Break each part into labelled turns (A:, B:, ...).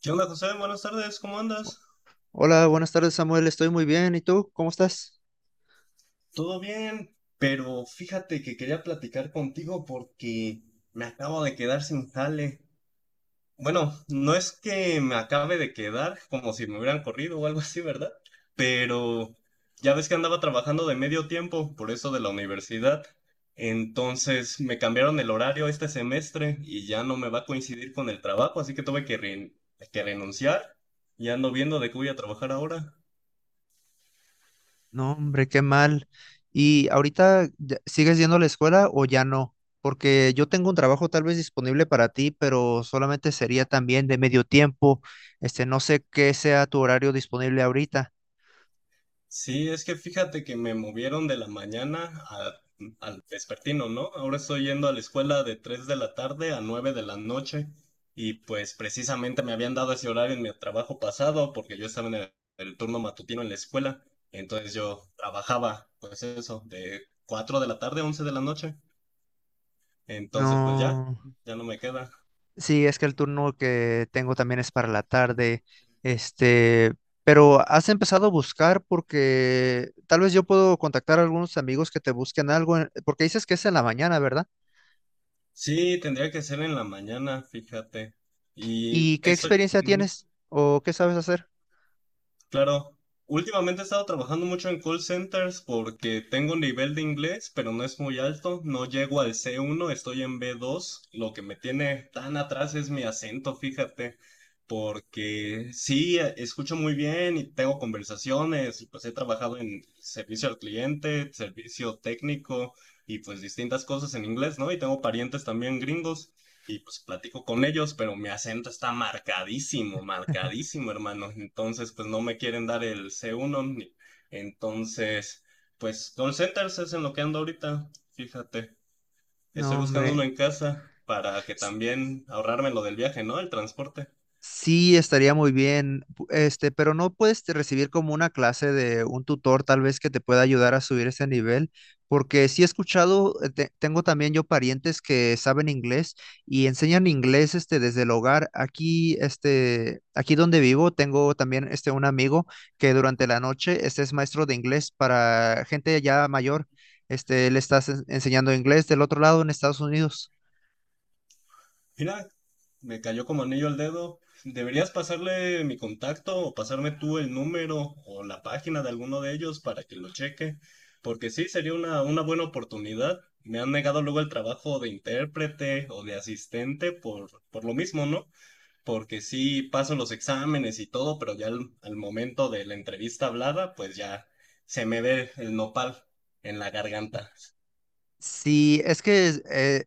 A: ¿Qué onda, José? Buenas tardes, ¿cómo andas?
B: Hola, buenas tardes, Samuel, estoy muy bien. ¿Y tú? ¿Cómo estás?
A: Todo bien, pero fíjate que quería platicar contigo porque me acabo de quedar sin jale. Bueno, no es que me acabe de quedar como si me hubieran corrido o algo así, ¿verdad? Pero ya ves que andaba trabajando de medio tiempo por eso de la universidad. Entonces me cambiaron el horario este semestre y ya no me va a coincidir con el trabajo, así que tuve que renunciar y ando viendo de qué voy a trabajar ahora.
B: No, hombre, qué mal. ¿Y ahorita sigues yendo a la escuela o ya no? Porque yo tengo un trabajo tal vez disponible para ti, pero solamente sería también de medio tiempo. No sé qué sea tu horario disponible ahorita.
A: Sí, es que fíjate que me movieron de la mañana al vespertino, ¿no? Ahora estoy yendo a la escuela de 3 de la tarde a 9 de la noche y pues precisamente me habían dado ese horario en mi trabajo pasado porque yo estaba en el turno matutino en la escuela, entonces yo trabajaba pues eso, de 4 de la tarde a 11 de la noche, entonces pues ya,
B: No,
A: ya no me queda.
B: sí, es que el turno que tengo también es para la tarde. Este, pero has empezado a buscar porque tal vez yo puedo contactar a algunos amigos que te busquen algo, porque dices que es en la mañana, ¿verdad?
A: Sí, tendría que ser en la mañana, fíjate. Y
B: ¿Y qué
A: eso,
B: experiencia
A: mm,
B: tienes o qué sabes hacer?
A: claro, últimamente he estado trabajando mucho en call centers porque tengo un nivel de inglés, pero no es muy alto. No llego al C1, estoy en B2. Lo que me tiene tan atrás es mi acento, fíjate, porque sí, escucho muy bien y tengo conversaciones. Y pues he trabajado en servicio al cliente, servicio técnico y pues distintas cosas en inglés, ¿no? Y tengo parientes también gringos y pues platico con ellos, pero mi acento está marcadísimo, marcadísimo, hermano. Entonces, pues no me quieren dar el C1. Entonces, pues call centers es en lo que ando ahorita, fíjate. Estoy
B: No,
A: buscando uno
B: hombre.
A: en casa para que también ahorrarme lo del viaje, ¿no? El transporte.
B: Sí, estaría muy bien, pero no puedes recibir como una clase de un tutor tal vez que te pueda ayudar a subir ese nivel, porque sí he escuchado, tengo también yo parientes que saben inglés y enseñan inglés desde el hogar. Aquí donde vivo tengo también un amigo que durante la noche es maestro de inglés para gente ya mayor. Le estás enseñando inglés del otro lado en Estados Unidos.
A: Mira, me cayó como anillo al dedo. Deberías pasarle mi contacto o pasarme tú el número o la página de alguno de ellos para que lo cheque, porque sí, sería una buena oportunidad. Me han negado luego el trabajo de intérprete o de asistente por lo mismo, ¿no? Porque sí paso los exámenes y todo, pero ya al momento de la entrevista hablada, pues ya se me ve el nopal en la garganta.
B: Sí, es que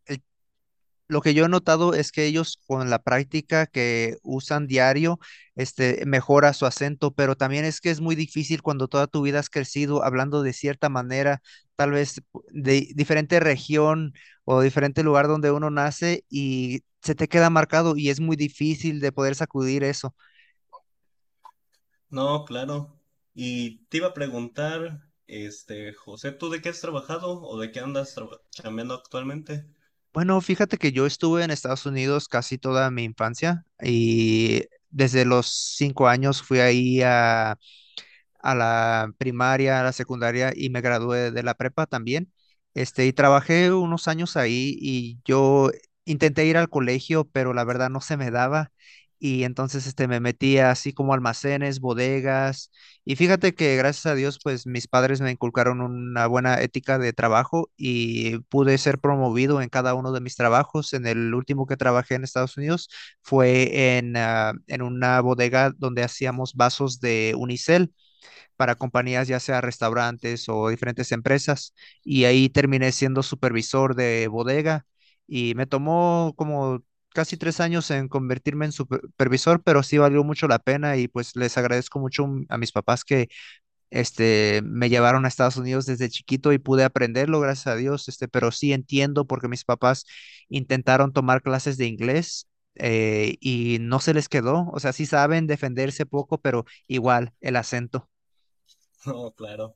B: lo que yo he notado es que ellos con la práctica que usan diario, mejora su acento, pero también es que es muy difícil cuando toda tu vida has crecido hablando de cierta manera, tal vez de diferente región o diferente lugar donde uno nace y se te queda marcado y es muy difícil de poder sacudir eso.
A: No, claro. Y te iba a preguntar, este, José, ¿tú de qué has trabajado o de qué andas chambeando actualmente?
B: Bueno, fíjate que yo estuve en Estados Unidos casi toda mi infancia y desde los 5 años fui ahí a la primaria, a la secundaria y me gradué de la prepa también. Y trabajé unos años ahí y yo intenté ir al colegio, pero la verdad no se me daba. Y entonces me metía así como almacenes, bodegas. Y fíjate que gracias a Dios, pues mis padres me inculcaron una buena ética de trabajo y pude ser promovido en cada uno de mis trabajos. En el último que trabajé en Estados Unidos fue en una bodega donde hacíamos vasos de unicel para compañías, ya sea restaurantes o diferentes empresas, y ahí terminé siendo supervisor de bodega y me tomó como casi 3 años en convertirme en supervisor, pero sí valió mucho la pena y pues les agradezco mucho a mis papás que me llevaron a Estados Unidos desde chiquito y pude aprenderlo, gracias a Dios, pero sí entiendo porque mis papás intentaron tomar clases de inglés. Y no se les quedó, o sea, sí saben defenderse poco, pero igual el acento.
A: No, claro.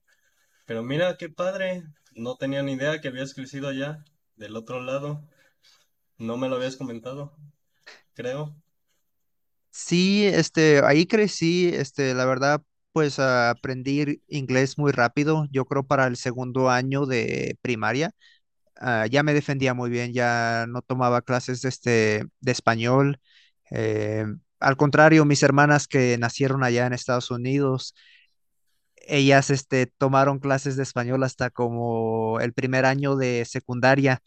A: Pero mira, qué padre. No tenía ni idea que habías crecido allá, del otro lado. No me lo habías comentado, creo.
B: Sí, ahí crecí, la verdad, pues aprendí inglés muy rápido. Yo creo para el segundo año de primaria, ya me defendía muy bien, ya no tomaba clases de español. Eh, al contrario, mis hermanas que nacieron allá en Estados Unidos, ellas, tomaron clases de español hasta como el primer año de secundaria.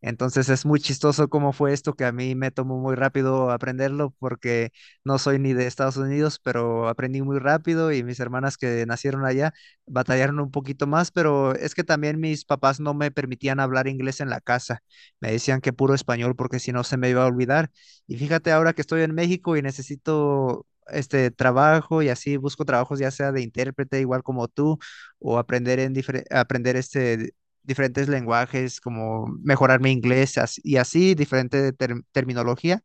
B: Entonces es muy chistoso cómo fue esto que a mí me tomó muy rápido aprenderlo porque no soy ni de Estados Unidos, pero aprendí muy rápido y mis hermanas que nacieron allá batallaron un poquito más, pero es que también mis papás no me permitían hablar inglés en la casa. Me decían que puro español porque si no se me iba a olvidar. Y fíjate ahora que estoy en México y necesito este trabajo y así busco trabajos ya sea de intérprete igual como tú o aprender aprender diferentes lenguajes, como mejorar mi inglés y así, diferente terminología.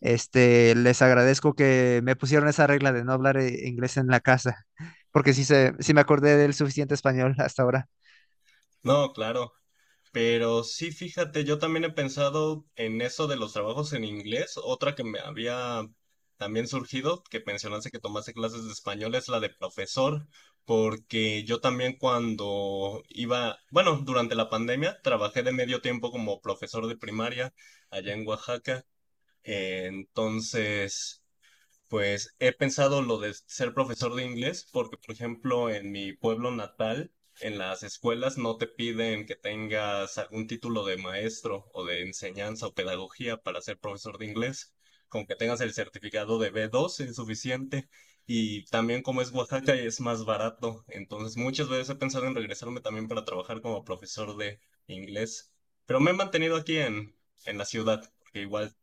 B: Les agradezco que me pusieron esa regla de no hablar inglés en la casa, porque sí, sí me acordé del suficiente español hasta ahora.
A: No, claro. Pero sí, fíjate, yo también he pensado en eso de los trabajos en inglés. Otra que me había también surgido, que mencionaste que tomaste clases de español, es la de profesor, porque yo también cuando iba, bueno, durante la pandemia trabajé de medio tiempo como profesor de primaria allá en Oaxaca. Entonces pues he pensado lo de ser profesor de inglés, porque por ejemplo en mi pueblo natal, en las escuelas no te piden que tengas algún título de maestro o de enseñanza o pedagogía para ser profesor de inglés. Con que tengas el certificado de B2 es suficiente. Y también como es Oaxaca es más barato. Entonces muchas veces he pensado en regresarme también para trabajar como profesor de inglés. Pero me he mantenido aquí en la ciudad, porque igual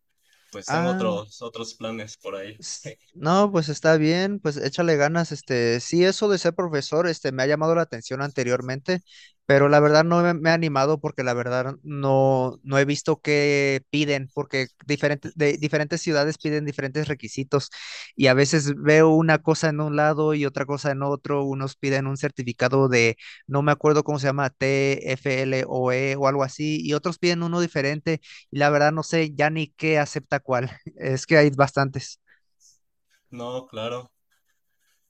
A: pues tengo
B: Ah.
A: otros planes por ahí.
B: S- No, pues está bien, pues échale ganas, sí, eso de ser profesor, me ha llamado la atención anteriormente, pero la verdad no me he animado porque la verdad no, no he visto qué piden, porque de diferentes ciudades piden diferentes requisitos y a veces veo una cosa en un lado y otra cosa en otro, unos piden un certificado de, no me acuerdo cómo se llama, TFLOE o algo así, y otros piden uno diferente y la verdad no sé ya ni qué acepta cuál, es que hay bastantes.
A: No, claro.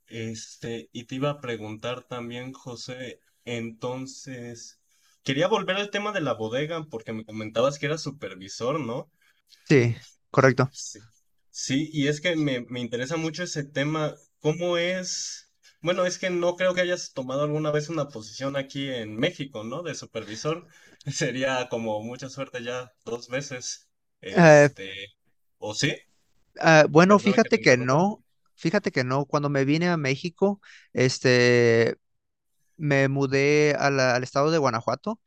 A: Este, y te iba a preguntar también, José, entonces, quería volver al tema de la bodega porque me comentabas que eras supervisor, ¿no?
B: Sí, correcto.
A: Sí. Sí, y es que me interesa mucho ese tema. ¿Cómo es? Bueno, es que no creo que hayas tomado alguna vez una posición aquí en México, ¿no? De supervisor. Sería como mucha suerte ya dos veces.
B: Eh,
A: Este, ¿o sí?
B: bueno,
A: Perdona que
B: fíjate
A: te
B: que
A: interrumpa.
B: no, fíjate que no. Cuando me vine a México, este, me mudé a al estado de Guanajuato.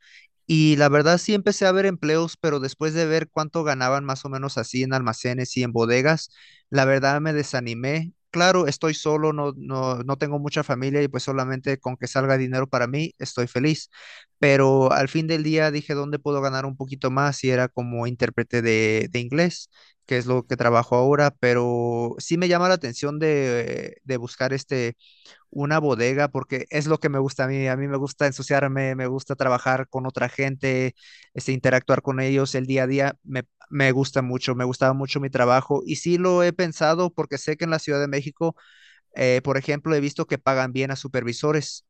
B: Y la verdad sí empecé a ver empleos, pero después de ver cuánto ganaban más o menos así en almacenes y en bodegas, la verdad me desanimé. Claro, estoy solo, no, no, no tengo mucha familia y pues solamente con que salga dinero para mí estoy feliz. Pero al fin del día dije, ¿dónde puedo ganar un poquito más? Y era como intérprete de inglés, que es lo que trabajo ahora, pero sí me llama la atención de buscar una bodega porque es lo que me gusta a mí. A mí me gusta ensuciarme, me gusta trabajar con otra gente, interactuar con ellos el día a día. Me gusta mucho, me gustaba mucho mi trabajo y sí lo he pensado porque sé que en la Ciudad de México, por ejemplo, he visto que pagan bien a supervisores.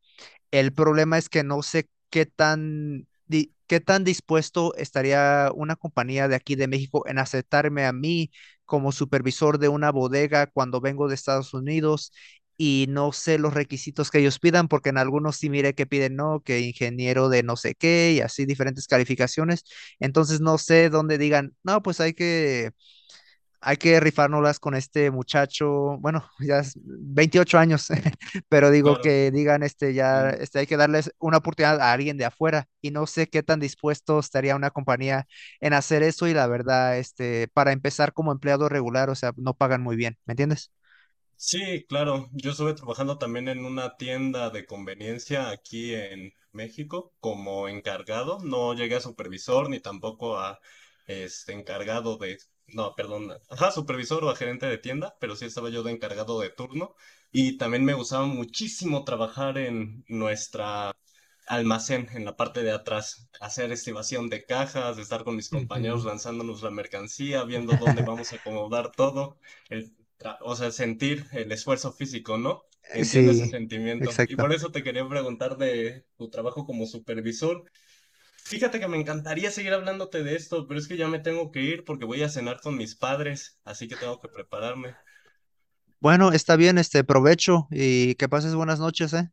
B: El problema es que no sé qué tan dispuesto estaría una compañía de aquí de México en aceptarme a mí como supervisor de una bodega cuando vengo de Estados Unidos y no sé los requisitos que ellos pidan, porque en algunos sí mire que piden, no, que ingeniero de no sé qué y así diferentes calificaciones. Entonces no sé dónde digan, no, pues hay que rifárnoslas con este muchacho, bueno, ya es 28 años, pero digo
A: Claro.
B: que digan, ya,
A: Mm.
B: hay que darles una oportunidad a alguien de afuera y no sé qué tan dispuesto estaría una compañía en hacer eso y la verdad, para empezar como empleado regular, o sea, no pagan muy bien, ¿me entiendes?
A: Sí, claro. Yo estuve trabajando también en una tienda de conveniencia aquí en México como encargado. No llegué a supervisor ni tampoco a este encargado de, no, perdón, ajá, supervisor o a gerente de tienda, pero sí estaba yo de encargado de turno y también me gustaba muchísimo trabajar en nuestra almacén en la parte de atrás, hacer estibación de cajas, estar con mis
B: Ujú.
A: compañeros lanzándonos la mercancía, viendo dónde vamos a acomodar todo, o sea, sentir el esfuerzo físico, ¿no? Entiendo ese
B: Sí,
A: sentimiento. Y
B: exacto.
A: por eso te quería preguntar de tu trabajo como supervisor. Fíjate que me encantaría seguir hablándote de esto, pero es que ya me tengo que ir porque voy a cenar con mis padres, así que tengo que prepararme.
B: Bueno, está bien, provecho y que pases buenas noches, ¿eh?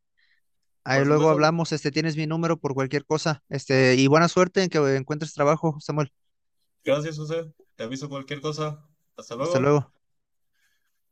B: Ahí
A: Por
B: luego
A: supuesto,
B: hablamos, tienes mi número por cualquier cosa, y buena suerte en que encuentres trabajo, Samuel.
A: gracias, José. Te aviso cualquier cosa. Hasta
B: Hasta
A: luego.
B: luego.